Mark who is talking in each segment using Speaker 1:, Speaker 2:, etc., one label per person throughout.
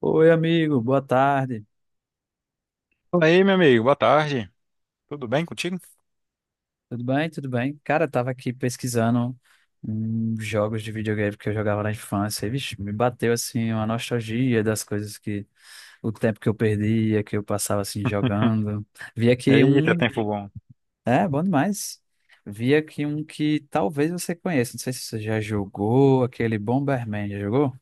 Speaker 1: Oi, amigo, boa tarde.
Speaker 2: Fala aí, meu amigo, boa tarde. Tudo bem contigo?
Speaker 1: Tudo bem? Tudo bem? Cara, eu tava aqui pesquisando jogos de videogame que eu jogava na infância. E, vixe, me bateu assim uma nostalgia das coisas que o tempo que eu perdia, que eu passava assim jogando. Vi aqui
Speaker 2: Eita, e
Speaker 1: um,
Speaker 2: tempo bom.
Speaker 1: é, bom demais. Vi aqui um que talvez você conheça, não sei se você já jogou, aquele Bomberman, já jogou?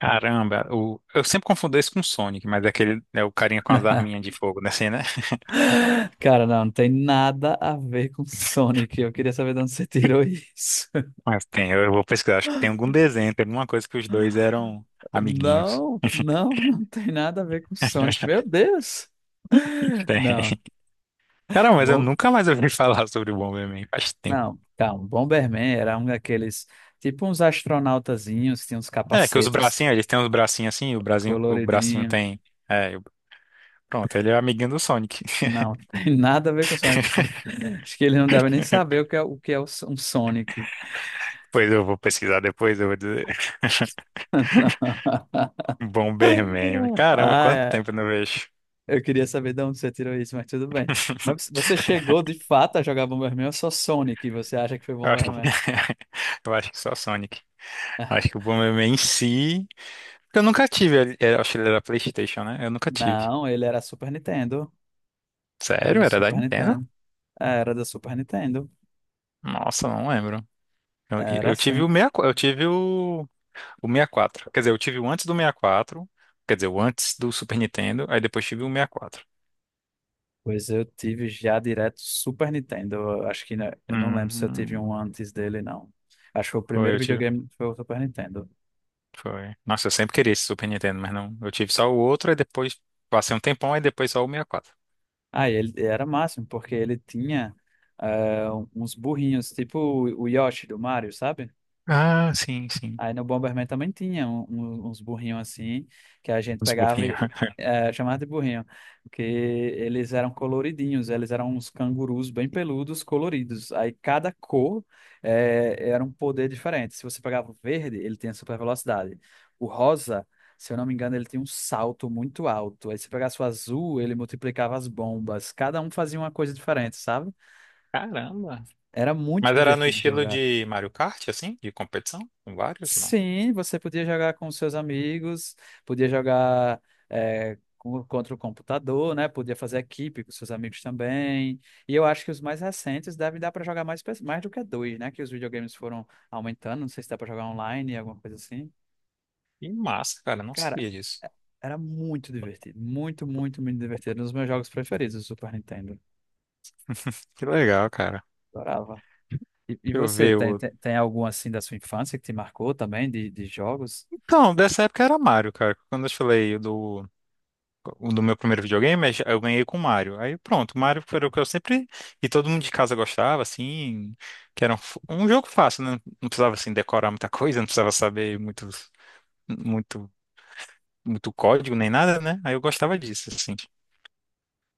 Speaker 2: Caramba, eu sempre confundo esse com o Sonic, mas é aquele, é o carinha com as arminhas de fogo, né? Assim, né?
Speaker 1: Cara, não, não tem nada a ver com Sonic. Eu queria saber de onde você tirou isso.
Speaker 2: Mas tem, eu vou pesquisar, acho que tem algum desenho, tem alguma coisa que os dois eram amiguinhos.
Speaker 1: Não, não, não tem nada a ver com Sonic. Meu Deus! Não,
Speaker 2: Tem. Cara, mas eu
Speaker 1: bom,
Speaker 2: nunca mais ouvi falar sobre o Bomberman, faz tempo.
Speaker 1: não, calma. Bomberman era um daqueles, tipo uns astronautazinhos, tinha uns
Speaker 2: É, que os
Speaker 1: capacetes
Speaker 2: bracinhos, eles têm os bracinhos assim, o bracinho
Speaker 1: coloridinhos.
Speaker 2: tem. É, pronto, ele é amiguinho do Sonic.
Speaker 1: Não, tem nada a ver com Sonic. Acho que ele não deve nem saber o que é um Sonic.
Speaker 2: Pois eu vou pesquisar depois, eu vou dizer.
Speaker 1: Não.
Speaker 2: Bomberman. Caramba,
Speaker 1: Ah,
Speaker 2: quanto
Speaker 1: é.
Speaker 2: tempo eu não vejo.
Speaker 1: Eu queria saber de onde você tirou isso, mas tudo bem. Mas você chegou de fato a jogar Bomberman ou só Sonic? Você acha que foi
Speaker 2: Eu acho que,
Speaker 1: Bomberman?
Speaker 2: eu acho que só Sonic. Acho que o Bomberman em si. Porque eu nunca tive. Eu acho que ele era PlayStation, né? Eu nunca tive.
Speaker 1: Não, ele era Super Nintendo. Era
Speaker 2: Sério?
Speaker 1: do
Speaker 2: Era da
Speaker 1: Super
Speaker 2: Nintendo?
Speaker 1: Nintendo. É, era do Super Nintendo.
Speaker 2: Nossa, não lembro. Eu,
Speaker 1: Era
Speaker 2: eu tive o
Speaker 1: sim.
Speaker 2: 64, eu tive o 64. Quer dizer, eu tive o antes do 64. Quer dizer, o antes do Super Nintendo. Aí depois tive o 64.
Speaker 1: Pois eu tive já direto Super Nintendo. Eu acho que né, eu não lembro se eu tive um
Speaker 2: Hum,
Speaker 1: antes dele, não. Acho que o
Speaker 2: Foi,
Speaker 1: primeiro
Speaker 2: eu tive.
Speaker 1: videogame foi o Super Nintendo.
Speaker 2: Foi. Nossa, eu sempre queria esse Super Nintendo, mas não. Eu tive só o outro, aí depois. Passei um tempão, aí depois só o 64.
Speaker 1: Ah, e ele era máximo, porque ele tinha eh, uns burrinhos, tipo o Yoshi do Mario, sabe?
Speaker 2: Ah, sim, sim.
Speaker 1: Aí no Bomberman também tinha uns burrinhos assim, que a gente
Speaker 2: Os
Speaker 1: pegava
Speaker 2: burrinhos.
Speaker 1: e chamava de burrinho, porque eles eram coloridinhos, eles eram uns cangurus bem peludos, coloridos. Aí cada cor era um poder diferente. Se você pegava o verde, ele tinha super velocidade. O rosa, se eu não me engano, ele tinha um salto muito alto. Aí se pegasse o azul, ele multiplicava as bombas. Cada um fazia uma coisa diferente, sabe?
Speaker 2: Caramba.
Speaker 1: Era muito
Speaker 2: Mas era no
Speaker 1: divertido
Speaker 2: estilo
Speaker 1: jogar.
Speaker 2: de Mario Kart, assim? De competição? Com vários? Não.
Speaker 1: Sim, você podia jogar com seus amigos, podia jogar contra o computador, né? Podia fazer equipe com seus amigos também. E eu acho que os mais recentes devem dar para jogar mais, mais do que dois, né? Que os videogames foram aumentando. Não sei se dá para jogar online, alguma coisa assim.
Speaker 2: Que massa, cara. Não
Speaker 1: Cara,
Speaker 2: sabia disso.
Speaker 1: era muito divertido. Muito, muito, muito divertido. Um dos meus jogos preferidos do Super Nintendo.
Speaker 2: Que legal, cara.
Speaker 1: Adorava. E
Speaker 2: Deixa eu
Speaker 1: você,
Speaker 2: ver
Speaker 1: tem,
Speaker 2: o...
Speaker 1: tem, tem algum assim da sua infância que te marcou também, de jogos?
Speaker 2: Então, dessa época era Mario, cara. Quando eu te falei do... O do meu primeiro videogame, eu ganhei com Mario. Aí pronto, Mario foi o que eu sempre... E todo mundo de casa gostava, assim... Que era um jogo fácil, né? Não precisava, assim, decorar muita coisa. Não precisava saber Muito... Muito código, nem nada, né? Aí eu gostava disso, assim.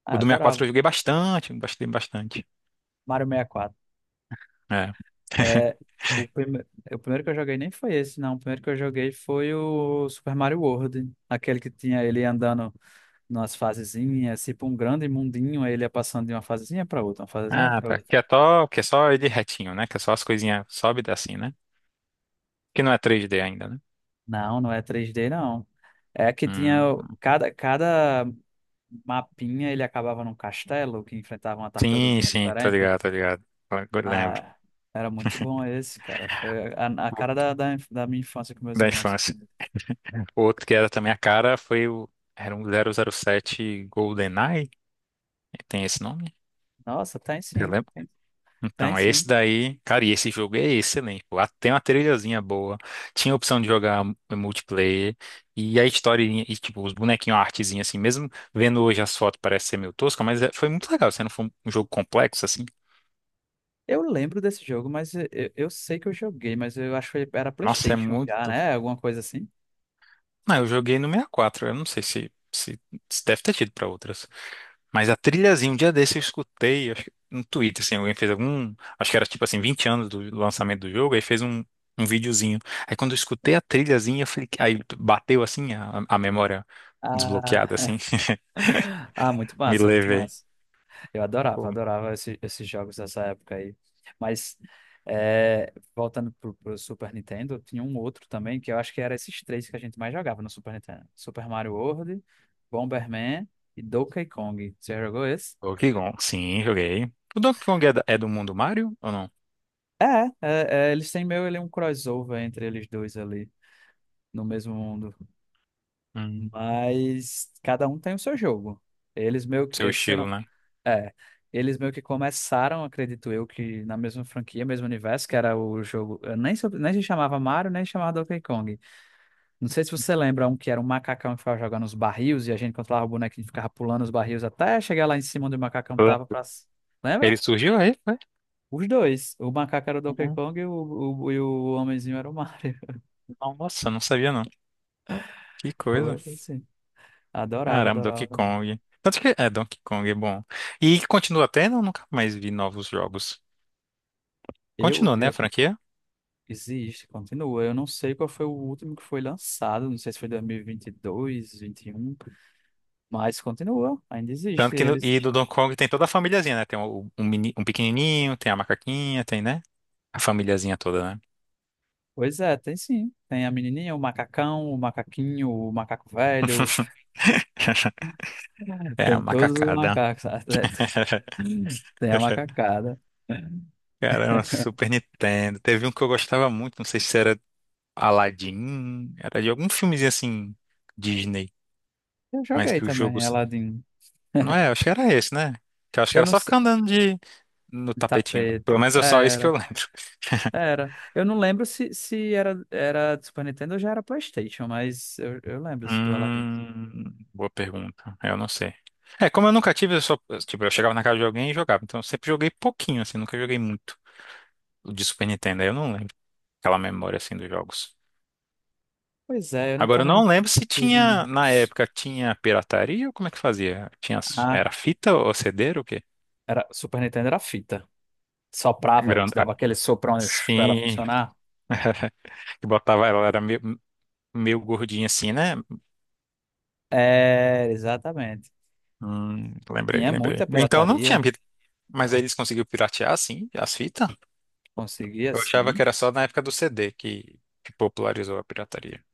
Speaker 1: Ah,
Speaker 2: O
Speaker 1: eu
Speaker 2: do 64
Speaker 1: adorava.
Speaker 2: eu joguei bastante, bastante, bastante.
Speaker 1: Mario 64.
Speaker 2: É.
Speaker 1: É, o, prime... o primeiro que eu joguei nem foi esse, não. O primeiro que eu joguei foi o Super Mario World. Aquele que tinha ele andando nas fasezinhas, tipo um grande mundinho, aí ele ia passando de uma fasezinha para outra, uma fasezinha
Speaker 2: Ah,
Speaker 1: para
Speaker 2: tá.
Speaker 1: outra.
Speaker 2: Que é só ele retinho, né? Que é só as coisinhas sobe e desce assim, né? Que não é três d ainda, né?
Speaker 1: Não, não é três d não. É que tinha o-
Speaker 2: Hum.
Speaker 1: cada, cada mapinha, ele acabava num castelo que enfrentava uma
Speaker 2: Sim,
Speaker 1: tartaruguinha
Speaker 2: sim, tô
Speaker 1: diferente.
Speaker 2: ligado, tô ligado. Agora eu lembro.
Speaker 1: Ah, era muito bom esse, cara. Foi a cara da minha infância com meus
Speaker 2: Da
Speaker 1: irmãos.
Speaker 2: infância. O outro que era também a cara foi o. Era um 007 GoldenEye? Tem esse nome?
Speaker 1: Nossa, tem
Speaker 2: Você
Speaker 1: sim,
Speaker 2: lembra?
Speaker 1: tem, tem
Speaker 2: Então, esse
Speaker 1: sim.
Speaker 2: daí, cara, e esse jogo é excelente. Pô. Lá tem uma trilhazinha boa, tinha a opção de jogar multiplayer, e a historinha, e tipo, os bonequinhos, a artezinha assim, mesmo vendo hoje as fotos parece ser meio tosca, mas foi muito legal, se não for um jogo complexo assim.
Speaker 1: Eu lembro desse jogo, mas eu sei que eu joguei, mas eu acho que era
Speaker 2: Nossa, é
Speaker 1: PlayStation já,
Speaker 2: muito.
Speaker 1: né? Alguma coisa assim.
Speaker 2: Não, eu joguei no 64, eu não sei se deve ter tido pra outras. Mas a trilhazinha, um dia desse eu escutei, acho que no Twitter, assim, alguém fez algum, acho que era tipo assim, 20 anos do lançamento do jogo, aí fez um videozinho. Aí quando eu escutei a trilhazinha, eu falei, aí bateu assim a memória desbloqueada,
Speaker 1: Ah,
Speaker 2: assim,
Speaker 1: ah, muito
Speaker 2: me
Speaker 1: massa, muito
Speaker 2: levei.
Speaker 1: massa. Eu adorava,
Speaker 2: Pô,
Speaker 1: adorava esses jogos dessa época aí. Mas, voltando pro Super Nintendo, tinha um outro também, que eu acho que era esses três que a gente mais jogava no Super Nintendo. Super Mario World, Bomberman e Donkey Kong. Você já jogou esse?
Speaker 2: Donkey Kong, sim, joguei. O Donkey Kong é, é do mundo Mario ou não?
Speaker 1: É, é, é, eles têm meio ele um crossover entre eles dois ali, no mesmo mundo.
Speaker 2: Hum,
Speaker 1: Mas cada um tem o seu jogo. Eles meio
Speaker 2: Seu
Speaker 1: que, se eu
Speaker 2: estilo,
Speaker 1: não,
Speaker 2: né?
Speaker 1: é, Eles meio que começaram, acredito eu, que na mesma franquia, mesmo universo, que era o jogo, eu nem, nem se chamava Mario, nem se chamava Donkey Kong. Não sei se você lembra um que era um macacão que ficava jogando os barris e a gente controlava o bonequinho e ficava pulando os barris até chegar lá em cima onde o macacão
Speaker 2: Foi.
Speaker 1: tava pra... Lembra?
Speaker 2: Ele surgiu aí, foi?
Speaker 1: Os dois. O macaco era o Donkey
Speaker 2: Uhum.
Speaker 1: Kong e e o homenzinho era o Mario.
Speaker 2: Nossa, não sabia não. Que coisa.
Speaker 1: Foi assim. Adorava,
Speaker 2: Caramba,
Speaker 1: adorava
Speaker 2: Donkey
Speaker 1: também.
Speaker 2: Kong. Tanto que é Donkey Kong, é bom. E continua tendo, eu nunca mais vi novos jogos.
Speaker 1: Eu,
Speaker 2: Continua, né, a
Speaker 1: eu-
Speaker 2: franquia?
Speaker 1: Existe, continua. Eu não sei qual foi o último que foi lançado, não sei se foi dois mil e vinte e dois, 21, mas continua, ainda
Speaker 2: Tanto
Speaker 1: existe
Speaker 2: que no,
Speaker 1: eles.
Speaker 2: e do Donkey Kong tem toda a famíliazinha, né? Tem um, um pequenininho, tem a macaquinha, tem, né? A famíliazinha toda, né?
Speaker 1: Pois é, tem sim. Tem a menininha, o macacão, o macaquinho, o macaco velho,
Speaker 2: É a
Speaker 1: tem todos os
Speaker 2: macacada.
Speaker 1: macacos até, tem a macacada.
Speaker 2: Caramba, Super Nintendo. Teve um que eu gostava muito, não sei se era Aladdin, era de algum filmezinho assim, Disney,
Speaker 1: Eu
Speaker 2: mas
Speaker 1: joguei
Speaker 2: que o jogo.
Speaker 1: também, Aladdin.
Speaker 2: Não é, acho que era esse, né? Que eu acho que
Speaker 1: Eu
Speaker 2: era
Speaker 1: não
Speaker 2: só
Speaker 1: sei.
Speaker 2: ficar andando de no tapetinho. Pelo
Speaker 1: Tapete.
Speaker 2: menos é só isso que eu
Speaker 1: Era,
Speaker 2: lembro.
Speaker 1: era. Eu não lembro se era do Super Nintendo ou já era PlayStation, mas eu lembro do Aladdin.
Speaker 2: Boa pergunta. Eu não sei. É, como eu nunca tive, eu só, tipo, eu chegava na casa de alguém e jogava. Então eu sempre joguei pouquinho, assim, nunca joguei muito o de Super Nintendo. Aí eu não lembro aquela memória, assim, dos jogos.
Speaker 1: Pois é, eu não,
Speaker 2: Agora, eu
Speaker 1: também
Speaker 2: não
Speaker 1: não
Speaker 2: lembro se
Speaker 1: tive
Speaker 2: tinha, na
Speaker 1: muitos.
Speaker 2: época, tinha pirataria ou como é que fazia? Tinha,
Speaker 1: Ah,
Speaker 2: era fita ou CD ou o quê?
Speaker 1: Super Nintendo era fita. Soprava, te
Speaker 2: Grande. Ah,
Speaker 1: dava aquele soprão para ela
Speaker 2: sim.
Speaker 1: funcionar.
Speaker 2: Que botava ela, era meio gordinha assim, né?
Speaker 1: É, exatamente.
Speaker 2: Lembrei,
Speaker 1: Tinha
Speaker 2: lembrei.
Speaker 1: muita
Speaker 2: Então não
Speaker 1: pirataria,
Speaker 2: tinha. Mas aí eles conseguiram piratear, sim, as fitas?
Speaker 1: conseguia
Speaker 2: Eu achava
Speaker 1: sim.
Speaker 2: que era só na época do CD que popularizou a pirataria.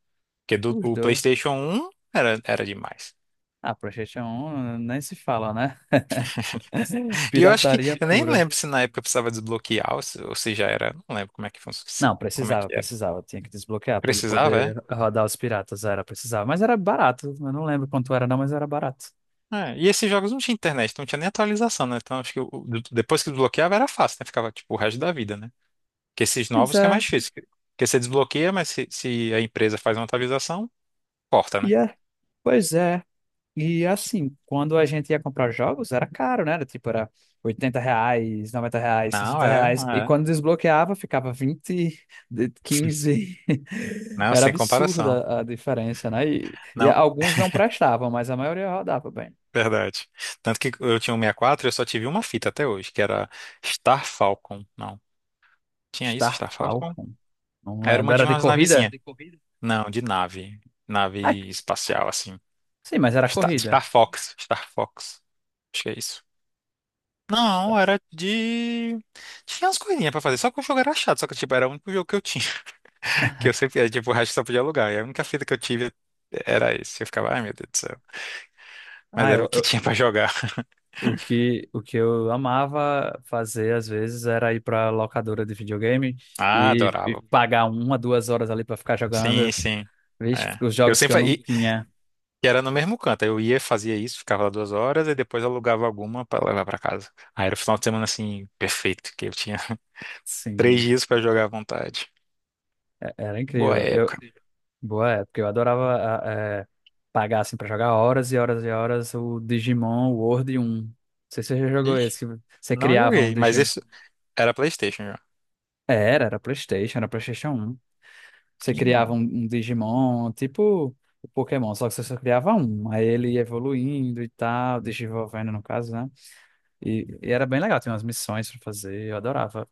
Speaker 2: Porque
Speaker 1: Os
Speaker 2: o
Speaker 1: dois.
Speaker 2: PlayStation 1 era demais.
Speaker 1: Ah, PlayStation um nem se fala, né?
Speaker 2: E eu acho que,
Speaker 1: Pirataria
Speaker 2: eu nem
Speaker 1: pura.
Speaker 2: lembro se na época precisava desbloquear ou se já era. Não lembro como é que,
Speaker 1: Não,
Speaker 2: como é
Speaker 1: precisava,
Speaker 2: que era.
Speaker 1: precisava. Tinha que desbloquear para ele
Speaker 2: Precisava,
Speaker 1: poder
Speaker 2: é?
Speaker 1: rodar os piratas. Era, precisava. Mas era barato. Eu não lembro quanto era, não, mas era barato.
Speaker 2: É, e esses jogos não tinha internet, não tinha nem atualização, né? Então acho que depois que desbloqueava era fácil, né? Ficava tipo o resto da vida, né? Porque esses
Speaker 1: Pois
Speaker 2: novos que é
Speaker 1: é.
Speaker 2: mais difícil. Porque você desbloqueia, mas se a empresa faz uma atualização, corta, né?
Speaker 1: E é. Pois é. E assim, quando a gente ia comprar jogos, era caro, né? Tipo, era R$ 80, R$ 90,
Speaker 2: Não,
Speaker 1: 60
Speaker 2: é,
Speaker 1: reais. E quando
Speaker 2: é.
Speaker 1: desbloqueava, ficava 20 15.
Speaker 2: Não,
Speaker 1: Era
Speaker 2: sem comparação.
Speaker 1: absurda a diferença, né? E
Speaker 2: Não,
Speaker 1: alguns não prestavam, mas a maioria rodava bem.
Speaker 2: verdade. Tanto que eu tinha um 64 e quatro e eu só tive uma fita até hoje, que era Star Falcon. Não, tinha isso,
Speaker 1: Star
Speaker 2: Star Falcon?
Speaker 1: Falcon. Não
Speaker 2: Era
Speaker 1: lembro.
Speaker 2: uma de
Speaker 1: Era de
Speaker 2: umas navezinhas.
Speaker 1: corrida?
Speaker 2: Não, de nave.
Speaker 1: Ah,
Speaker 2: Nave espacial, assim.
Speaker 1: sim, mas era
Speaker 2: Star,
Speaker 1: corrida.
Speaker 2: Star Fox. Star Fox. Acho que é isso.
Speaker 1: Star.
Speaker 2: Não, era de. Tinha umas coisinhas pra fazer, só que o jogo era chato, só que tipo, era o único jogo que eu tinha, que eu sempre, era, tipo, o resto eu só podia alugar, e a única fita que eu tive era esse, eu ficava, ai meu Deus do céu, mas
Speaker 1: Ah,
Speaker 2: era o que tinha pra jogar.
Speaker 1: o que eu amava fazer às vezes era ir para locadora de videogame
Speaker 2: Ah,
Speaker 1: e
Speaker 2: adorava.
Speaker 1: pagar uma, 2 horas ali para ficar
Speaker 2: Sim,
Speaker 1: jogando,
Speaker 2: sim.
Speaker 1: vixe,
Speaker 2: É.
Speaker 1: os
Speaker 2: Eu
Speaker 1: jogos que
Speaker 2: sempre
Speaker 1: eu não
Speaker 2: e,
Speaker 1: tinha.
Speaker 2: e era no mesmo canto. Eu ia, fazia isso, ficava lá 2 horas e depois alugava alguma para levar para casa. Aí era o final de semana assim, perfeito, que eu tinha três
Speaker 1: Sim,
Speaker 2: dias para jogar à vontade.
Speaker 1: era
Speaker 2: Boa
Speaker 1: incrível.
Speaker 2: época.
Speaker 1: Boa época, eu adorava a- é, pagar assim para jogar horas e horas e horas o Digimon World 1. Não sei se você já jogou
Speaker 2: Ixi,
Speaker 1: esse, que você
Speaker 2: não
Speaker 1: criava um
Speaker 2: joguei, mas
Speaker 1: Digimon.
Speaker 2: isso era PlayStation já.
Speaker 1: Era, era PlayStation um. Você
Speaker 2: Que
Speaker 1: criava um,
Speaker 2: massa.
Speaker 1: um Digimon, tipo o Pokémon, só que você só criava um. Aí ele ia evoluindo e tal, desenvolvendo no caso, né? E era bem legal, tinha umas missões pra fazer, eu adorava.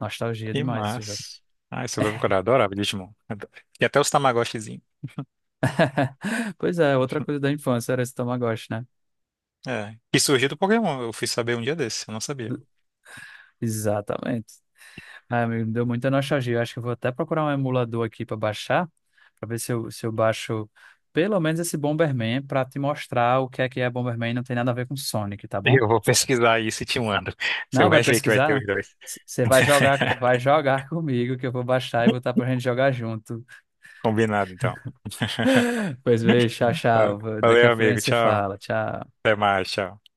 Speaker 1: Nostalgia
Speaker 2: Que
Speaker 1: demais esse jogo.
Speaker 2: massa. Ah, você vai procurar, adorava Digimon. E até os Tamagotchizinho.
Speaker 1: Pois é, outra coisa da infância era esse Tamagotchi, né?
Speaker 2: É. Que surgiu do Pokémon, eu fui saber um dia desse, eu não sabia.
Speaker 1: Exatamente. Ah, me deu muita nostalgia. Eu acho que eu vou até procurar um emulador aqui pra baixar, pra ver se eu baixo pelo menos esse Bomberman pra te mostrar o que é Bomberman e não tem nada a ver com Sonic, tá bom?
Speaker 2: Eu vou pesquisar isso e te mando. Você
Speaker 1: Não, vai
Speaker 2: vai ver que vai
Speaker 1: pesquisar,
Speaker 2: ter
Speaker 1: não.
Speaker 2: os dois.
Speaker 1: Você vai jogar comigo, que eu vou baixar e botar pra gente jogar junto.
Speaker 2: Combinado, então.
Speaker 1: Pois beijo, tchau,
Speaker 2: Ah,
Speaker 1: tchau. Daqui a
Speaker 2: valeu,
Speaker 1: pouco a
Speaker 2: amigo.
Speaker 1: gente se
Speaker 2: Tchau.
Speaker 1: fala. Tchau.
Speaker 2: Até mais. Tchau.